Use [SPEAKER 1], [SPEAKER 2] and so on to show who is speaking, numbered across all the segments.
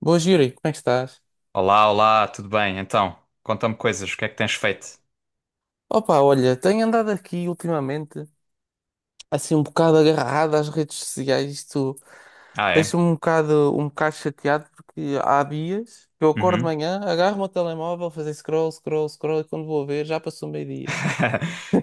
[SPEAKER 1] Boa, Yuri, como é que estás?
[SPEAKER 2] Olá, olá, tudo bem? Então, conta-me coisas, o que é que tens feito?
[SPEAKER 1] Olha, tenho andado aqui ultimamente, assim, um bocado agarrado às redes sociais. Isto
[SPEAKER 2] Ah, é?
[SPEAKER 1] deixa-me um bocado chateado, porque há dias que eu acordo de
[SPEAKER 2] Uhum.
[SPEAKER 1] manhã, agarro o meu telemóvel, fazer scroll, scroll, scroll, e quando vou ver, já passou meio-dia.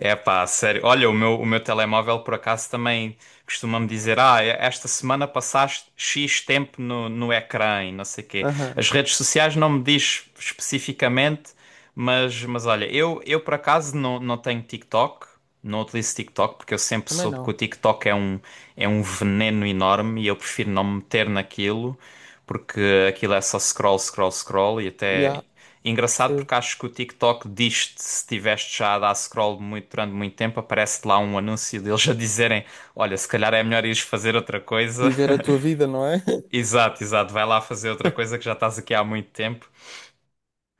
[SPEAKER 2] É pá, sério. Olha, o meu telemóvel por acaso também costuma-me dizer: Ah, é, esta semana passaste X tempo no ecrã e não sei quê.
[SPEAKER 1] Aham,
[SPEAKER 2] As redes sociais não me diz especificamente, mas, olha, eu por acaso não tenho TikTok, não utilizo TikTok, porque eu sempre
[SPEAKER 1] também
[SPEAKER 2] soube que o
[SPEAKER 1] não.
[SPEAKER 2] TikTok é um veneno enorme e eu prefiro não me meter naquilo, porque aquilo é só scroll, scroll, scroll e
[SPEAKER 1] E
[SPEAKER 2] até.
[SPEAKER 1] há,
[SPEAKER 2] Engraçado
[SPEAKER 1] percebo.
[SPEAKER 2] porque acho que o TikTok diz-te, se estiveste já a dar scroll muito, durante muito tempo, aparece lá um anúncio deles a dizerem: Olha, se calhar é melhor ires fazer outra coisa.
[SPEAKER 1] Viver a tua vida, não é?
[SPEAKER 2] Exato, exato, vai lá fazer outra coisa que já estás aqui há muito tempo.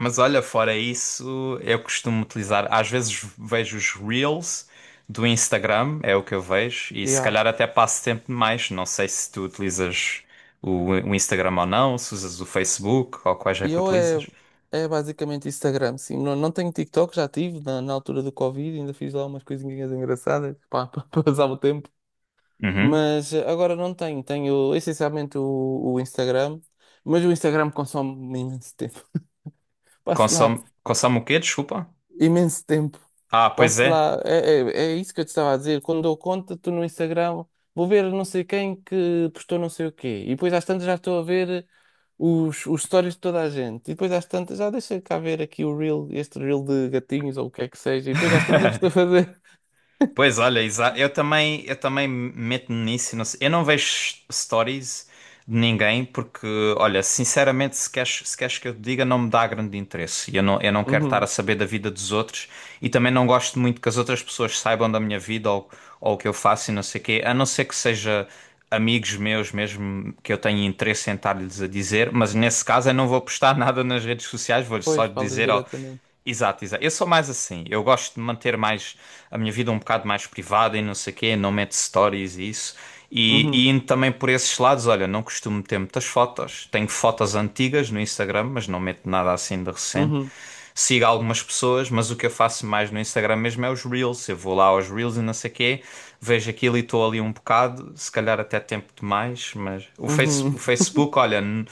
[SPEAKER 2] Mas olha, fora isso, eu costumo utilizar, às vezes vejo os Reels do Instagram, é o que eu vejo, e se
[SPEAKER 1] Yeah.
[SPEAKER 2] calhar até passo tempo demais. Não sei se tu utilizas o Instagram ou não, se usas o Facebook ou quais é
[SPEAKER 1] E
[SPEAKER 2] que
[SPEAKER 1] eu é,
[SPEAKER 2] utilizas.
[SPEAKER 1] é basicamente Instagram, sim. Não, não tenho TikTok, já tive na altura do Covid, ainda fiz lá umas coisinhas engraçadas para passar o tempo.
[SPEAKER 2] Uhum.
[SPEAKER 1] Mas agora não tenho, tenho essencialmente o Instagram, mas o Instagram consome imenso tempo. Passo lá
[SPEAKER 2] Consome, consome o quê? Desculpa.
[SPEAKER 1] imenso tempo.
[SPEAKER 2] Ah, pois
[SPEAKER 1] Passo
[SPEAKER 2] é.
[SPEAKER 1] lá, é, é, é isso que eu te estava a dizer. Quando dou conta, estou no Instagram, vou ver não sei quem que postou não sei o quê. E depois às tantas já estou a ver os stories de toda a gente. E depois às tantas já deixa cá ver aqui o reel, este reel de gatinhos ou o que é que seja. E depois às tantas já estou a fazer.
[SPEAKER 2] Pois olha, eu também meto-me nisso. Não sei. Eu não vejo stories de ninguém porque, olha, sinceramente, se queres, se queres que eu te diga, não me dá grande interesse. E eu não, eu não quero estar a
[SPEAKER 1] Uhum.
[SPEAKER 2] saber da vida dos outros e também não gosto muito que as outras pessoas saibam da minha vida ou o que eu faço e não sei o quê, a não ser que seja amigos meus mesmo que eu tenho interesse em estar-lhes a dizer, mas nesse caso eu não vou postar nada nas redes sociais, vou-lhes só
[SPEAKER 1] Pois, falas
[SPEAKER 2] dizer, ó.
[SPEAKER 1] diretamente.
[SPEAKER 2] Exato, exato. Eu sou mais assim. Eu gosto de manter mais a minha vida um bocado mais privada e não sei quê, não meto stories e isso. E,
[SPEAKER 1] Uhum.
[SPEAKER 2] indo também por esses lados, olha, não costumo ter muitas fotos. Tenho fotos antigas no Instagram, mas não meto nada assim de recente.
[SPEAKER 1] Uhum.
[SPEAKER 2] Sigo algumas pessoas, mas o que eu faço mais no Instagram mesmo é os Reels. Eu vou lá aos Reels e não sei quê, vejo aquilo e estou ali um bocado, se calhar até tempo demais, mas o, o
[SPEAKER 1] Uhum.
[SPEAKER 2] Facebook, olha.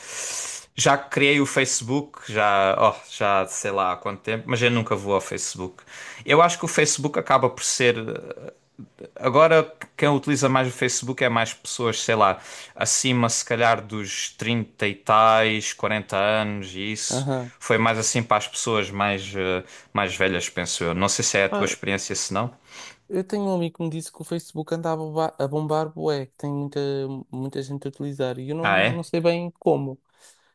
[SPEAKER 2] Já criei o Facebook, já, oh, já sei lá há quanto tempo, mas eu nunca vou ao Facebook. Eu acho que o Facebook acaba por ser. Agora, quem utiliza mais o Facebook é mais pessoas, sei lá, acima se calhar dos 30 e tais, 40 anos e isso.
[SPEAKER 1] Aham.
[SPEAKER 2] Foi mais assim para as pessoas mais, mais velhas, penso eu. Não sei se é a tua experiência, se não.
[SPEAKER 1] Eu tenho um amigo que me disse que o Facebook anda a bombar bué, que tem muita gente a utilizar e eu não,
[SPEAKER 2] Ah,
[SPEAKER 1] não
[SPEAKER 2] é?
[SPEAKER 1] sei bem como,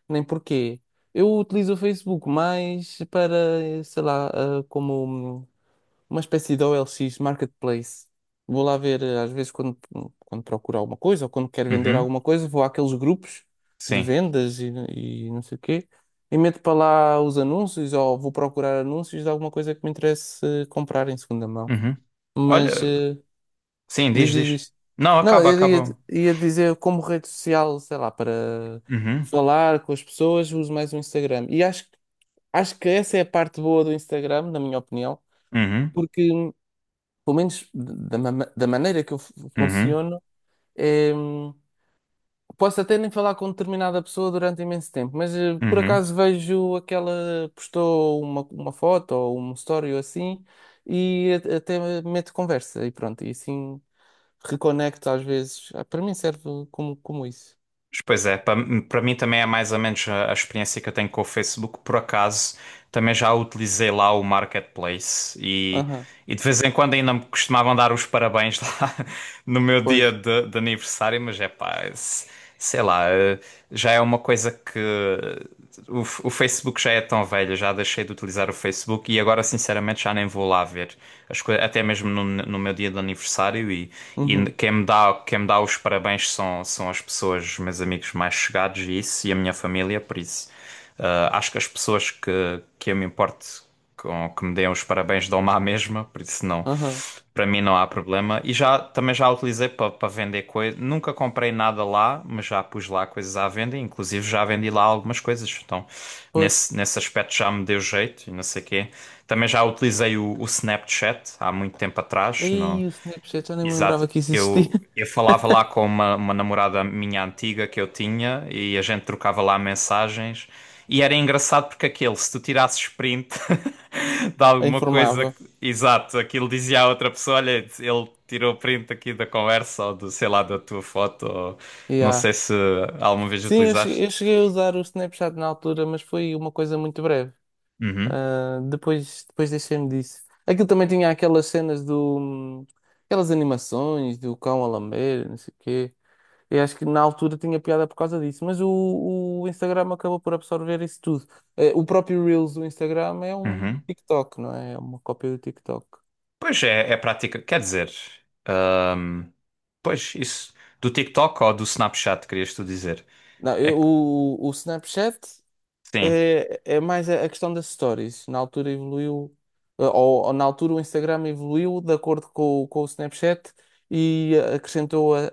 [SPEAKER 1] nem porquê. Eu utilizo o Facebook mais para, sei lá, ah, como um- uma espécie de OLX Marketplace. Vou lá ver, ah, às vezes, quando procuro alguma coisa ou quando quero vender
[SPEAKER 2] Uhum,
[SPEAKER 1] alguma coisa, vou àqueles grupos de
[SPEAKER 2] sim.
[SPEAKER 1] vendas e não sei o quê e meto para lá os anúncios ou vou procurar anúncios de alguma coisa que me interesse comprar em segunda mão.
[SPEAKER 2] Uhum.
[SPEAKER 1] Mas.
[SPEAKER 2] Olha,
[SPEAKER 1] eh,
[SPEAKER 2] sim,
[SPEAKER 1] Diz,
[SPEAKER 2] diz,
[SPEAKER 1] diz,
[SPEAKER 2] diz.
[SPEAKER 1] diz.
[SPEAKER 2] Não,
[SPEAKER 1] Não,
[SPEAKER 2] acaba, acaba.
[SPEAKER 1] ia dizer como rede social, sei lá, para
[SPEAKER 2] Uhum,
[SPEAKER 1] falar com as pessoas, uso mais o Instagram. Acho que essa é a parte boa do Instagram, na minha opinião,
[SPEAKER 2] uhum,
[SPEAKER 1] porque, pelo menos da maneira que eu
[SPEAKER 2] uhum,
[SPEAKER 1] funciono, é, posso até nem falar com determinada pessoa durante imenso tempo, mas por
[SPEAKER 2] uhum.
[SPEAKER 1] acaso vejo aquela, postou uma foto ou um story ou assim, e até meto conversa e pronto, e assim reconecto às vezes. Para mim serve como isso.
[SPEAKER 2] Pois é, para mim também é mais ou menos a experiência que eu tenho com o Facebook. Por acaso, também já utilizei lá o Marketplace e,
[SPEAKER 1] Aham,
[SPEAKER 2] de vez em quando ainda me costumavam dar os parabéns lá no meu dia
[SPEAKER 1] pois.
[SPEAKER 2] de aniversário, mas é pá, sei lá, já é uma coisa que o Facebook já é tão velho, já deixei de utilizar o Facebook e agora sinceramente já nem vou lá ver as coisas, até mesmo no, meu dia de aniversário e,
[SPEAKER 1] Uhum,
[SPEAKER 2] quem me dá os parabéns são, são as pessoas, os meus amigos mais chegados e isso, e a minha família, por isso. Acho que as pessoas que eu me importo com, que me deem os parabéns dão-me à mesma, por isso não,
[SPEAKER 1] aham,
[SPEAKER 2] para mim não há problema. E já também já utilizei para vender coisas. Nunca comprei nada lá, mas já pus lá coisas à venda, inclusive já vendi lá algumas coisas. Então,
[SPEAKER 1] pois.
[SPEAKER 2] nesse, nesse aspecto já me deu jeito e não sei quê. Também já utilizei o Snapchat há muito tempo atrás. Não...
[SPEAKER 1] Aí o Snapchat, eu nem me
[SPEAKER 2] Exato.
[SPEAKER 1] lembrava que isso existia.
[SPEAKER 2] Eu falava lá com uma namorada minha antiga que eu tinha e a gente trocava lá mensagens. E era engraçado porque aquele, se tu tirasses print de
[SPEAKER 1] Eu
[SPEAKER 2] alguma coisa,
[SPEAKER 1] informava.
[SPEAKER 2] exato, aquilo dizia à outra pessoa: olha, ele tirou print aqui da conversa ou do, sei lá, da tua foto. Ou... Não
[SPEAKER 1] Yeah.
[SPEAKER 2] sei se alguma vez
[SPEAKER 1] Sim,
[SPEAKER 2] utilizaste.
[SPEAKER 1] eu cheguei a usar o Snapchat na altura, mas foi uma coisa muito breve.
[SPEAKER 2] Uhum,
[SPEAKER 1] Ah, depois deixei-me disso. Aquilo também tinha aquelas cenas do. Aquelas animações do cão a lamber, não sei o quê. Eu acho que na altura tinha piada por causa disso, mas o Instagram acabou por absorver isso tudo. O próprio Reels do Instagram é um
[SPEAKER 2] uhum.
[SPEAKER 1] TikTok, não é? É uma cópia do TikTok.
[SPEAKER 2] Pois é, é prática. Quer dizer, ahm, pois isso do TikTok ou do Snapchat, querias tu dizer?
[SPEAKER 1] Não,
[SPEAKER 2] É que
[SPEAKER 1] o Snapchat
[SPEAKER 2] sim.
[SPEAKER 1] é mais a questão das stories. Na altura evoluiu, ou na altura o Instagram evoluiu de acordo com, com o Snapchat e acrescentou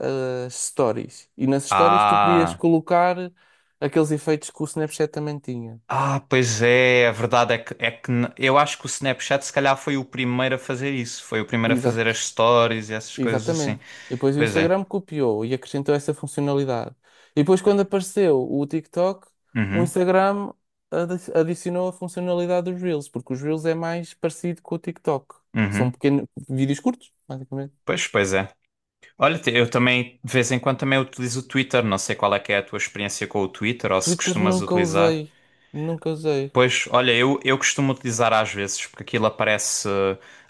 [SPEAKER 1] as stories. E nas stories tu podias
[SPEAKER 2] Ah,
[SPEAKER 1] colocar aqueles efeitos que o Snapchat também tinha.
[SPEAKER 2] ah, pois é, a verdade é que, eu acho que o Snapchat se calhar foi o primeiro a fazer isso. Foi o primeiro a fazer
[SPEAKER 1] Exato.
[SPEAKER 2] as stories e essas coisas assim.
[SPEAKER 1] Exatamente. E depois o
[SPEAKER 2] Pois é.
[SPEAKER 1] Instagram copiou e acrescentou essa funcionalidade. E depois, quando apareceu o TikTok, o
[SPEAKER 2] Uhum,
[SPEAKER 1] Instagram adicionou a funcionalidade dos Reels, porque os Reels é mais parecido com o TikTok. São
[SPEAKER 2] uhum.
[SPEAKER 1] pequenos vídeos curtos, basicamente.
[SPEAKER 2] Pois, pois é. Olha, eu também de vez em quando também utilizo o Twitter. Não sei qual é que é a tua experiência com o Twitter ou se
[SPEAKER 1] Twitter
[SPEAKER 2] costumas
[SPEAKER 1] nunca
[SPEAKER 2] utilizar.
[SPEAKER 1] usei. Nunca usei.
[SPEAKER 2] Pois, olha, eu costumo utilizar às vezes, porque aquilo aparece.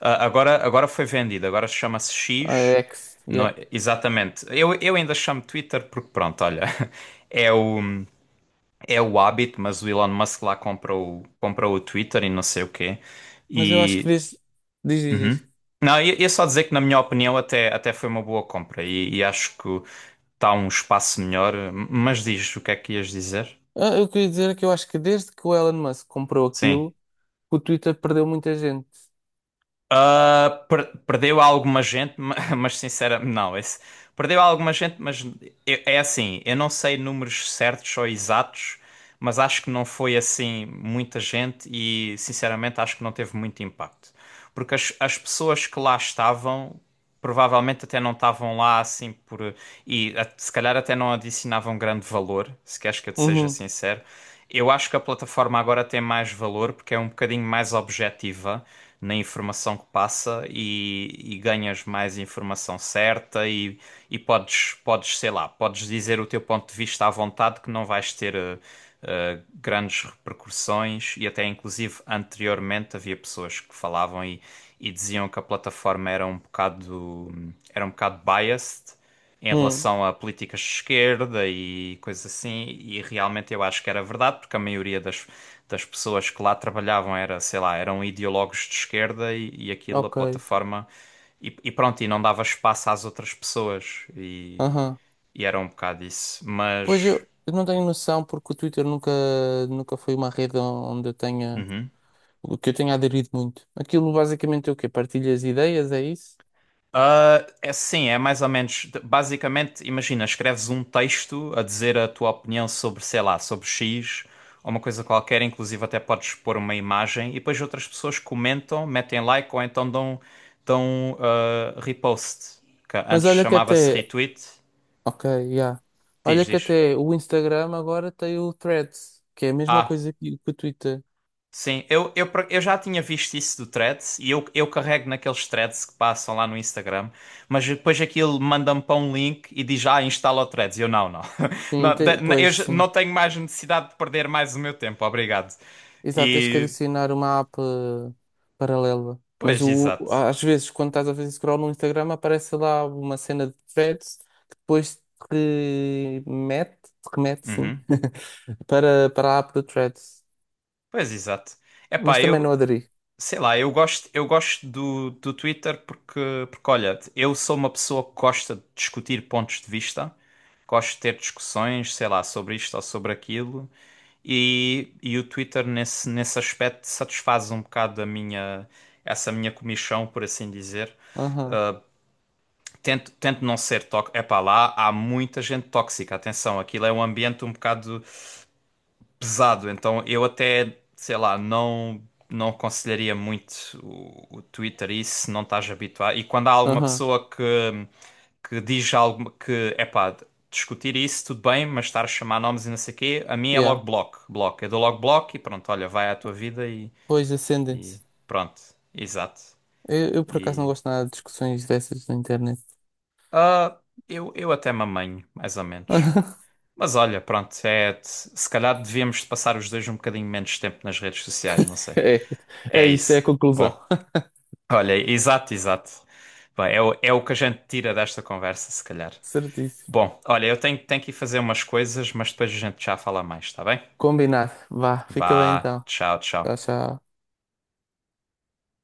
[SPEAKER 2] Agora, foi vendido, agora chama-se
[SPEAKER 1] A
[SPEAKER 2] X.
[SPEAKER 1] X, yeah.
[SPEAKER 2] É? Exatamente. Eu ainda chamo Twitter porque, pronto, olha, é o, é o hábito, mas o Elon Musk lá comprou, comprou o Twitter e não sei o quê.
[SPEAKER 1] Mas eu acho que
[SPEAKER 2] E.
[SPEAKER 1] desde. Diz, diz,
[SPEAKER 2] Uhum.
[SPEAKER 1] diz.
[SPEAKER 2] Não, ia só dizer que, na minha opinião, até, até foi uma boa compra e acho que está um espaço melhor. Mas diz o que é que ias dizer?
[SPEAKER 1] Eu queria dizer que eu acho que desde que o Elon Musk comprou
[SPEAKER 2] Sim.
[SPEAKER 1] aquilo, o Twitter perdeu muita gente.
[SPEAKER 2] Ah, perdeu alguma gente, mas sinceramente, não, esse, perdeu alguma gente, mas é assim, eu não sei números certos ou exatos, mas acho que não foi assim muita gente e sinceramente acho que não teve muito impacto. Porque as pessoas que lá estavam provavelmente até não estavam lá assim por. E se calhar até não adicionavam grande valor, se queres que eu te seja
[SPEAKER 1] Uhum.
[SPEAKER 2] sincero. Eu acho que a plataforma agora tem mais valor porque é um bocadinho mais objetiva na informação que passa e ganhas mais informação certa e podes, podes, sei lá, podes dizer o teu ponto de vista à vontade que não vais ter. Grandes repercussões e até inclusive anteriormente havia pessoas que falavam e diziam que a plataforma era um bocado biased em
[SPEAKER 1] hum
[SPEAKER 2] relação a políticas de esquerda e coisas assim e realmente eu acho que era verdade porque a maioria das das pessoas que lá trabalhavam era sei lá eram ideólogos de esquerda e aquilo a
[SPEAKER 1] Ok.
[SPEAKER 2] plataforma e pronto, e não dava espaço às outras pessoas.
[SPEAKER 1] Aham.
[SPEAKER 2] E era um bocado isso. Mas.
[SPEAKER 1] Eu não tenho noção porque o Twitter nunca foi uma rede onde eu tenha,
[SPEAKER 2] Uhum.
[SPEAKER 1] o que eu tenha aderido muito. Aquilo basicamente é o quê? Partilhas ideias, é isso?
[SPEAKER 2] Ah, é sim, é mais ou menos. Basicamente, imagina, escreves um texto a dizer a tua opinião sobre, sei lá, sobre X ou uma coisa qualquer, inclusive até podes pôr uma imagem e depois outras pessoas comentam, metem like ou então dão, dão repost, que
[SPEAKER 1] Mas
[SPEAKER 2] antes
[SPEAKER 1] olha que
[SPEAKER 2] chamava-se
[SPEAKER 1] até,
[SPEAKER 2] retweet.
[SPEAKER 1] ok, já. Olha
[SPEAKER 2] Diz,
[SPEAKER 1] que
[SPEAKER 2] diz.
[SPEAKER 1] até o Instagram agora tem o Threads, que é a mesma
[SPEAKER 2] Ah.
[SPEAKER 1] coisa que o Twitter.
[SPEAKER 2] Sim, eu já tinha visto isso do Threads e eu carrego naqueles threads que passam lá no Instagram, mas depois aquilo manda-me para um link e diz, ah, instala o Threads. E eu, não, não.
[SPEAKER 1] Sim,
[SPEAKER 2] Não, eu
[SPEAKER 1] pois
[SPEAKER 2] já
[SPEAKER 1] sim.
[SPEAKER 2] não tenho mais necessidade de perder mais o meu tempo, obrigado.
[SPEAKER 1] Exato, tens que
[SPEAKER 2] E,
[SPEAKER 1] adicionar uma app paralela. Mas
[SPEAKER 2] pois,
[SPEAKER 1] o,
[SPEAKER 2] exato.
[SPEAKER 1] às vezes, quando estás a fazer scroll no Instagram, aparece lá uma cena de threads que depois te remete, sim,
[SPEAKER 2] Uhum.
[SPEAKER 1] para a app do threads.
[SPEAKER 2] Pois, exato.
[SPEAKER 1] Mas
[SPEAKER 2] Epá,
[SPEAKER 1] também não aderi.
[SPEAKER 2] sei lá, eu gosto do Twitter porque, porque, olha, eu sou uma pessoa que gosta de discutir pontos de vista, gosto de ter discussões, sei lá, sobre isto ou sobre aquilo, e, o Twitter nesse, nesse aspecto satisfaz um bocado a minha, essa minha comichão, por assim dizer.
[SPEAKER 1] Aham,
[SPEAKER 2] Uh, Tento, tento não ser tóxico. Epá, lá há muita gente tóxica, atenção, aquilo é um ambiente um bocado pesado, então eu até, sei lá, não aconselharia muito o Twitter isso se não estás habituado. E quando há alguma
[SPEAKER 1] aham,
[SPEAKER 2] pessoa que diz algo que, epá, discutir isso tudo bem, mas estar a chamar nomes e não sei o quê, a mim é
[SPEAKER 1] yeah.
[SPEAKER 2] logo bloco, bloco. Eu dou logo bloco e pronto, olha, vai à tua vida e,
[SPEAKER 1] Pois,
[SPEAKER 2] e
[SPEAKER 1] Ascendance.
[SPEAKER 2] pronto. Exato.
[SPEAKER 1] Eu, por acaso, não
[SPEAKER 2] E
[SPEAKER 1] gosto nada de discussões dessas na internet.
[SPEAKER 2] ah eu até me amanho, mais ou menos. Mas olha, pronto, é, se calhar devíamos passar os dois um bocadinho menos tempo nas redes sociais, não sei.
[SPEAKER 1] É, é
[SPEAKER 2] É
[SPEAKER 1] isso, é a
[SPEAKER 2] isso.
[SPEAKER 1] conclusão.
[SPEAKER 2] Bom, olha, exato, exato. Bem, é o, é o que a gente tira desta conversa, se calhar.
[SPEAKER 1] Certíssimo.
[SPEAKER 2] Bom, olha, tenho que ir fazer umas coisas, mas depois a gente já fala mais, tá bem?
[SPEAKER 1] Combinado. Vá, fica bem
[SPEAKER 2] Vá,
[SPEAKER 1] então.
[SPEAKER 2] tchau,
[SPEAKER 1] Tchau,
[SPEAKER 2] tchau.
[SPEAKER 1] tchau.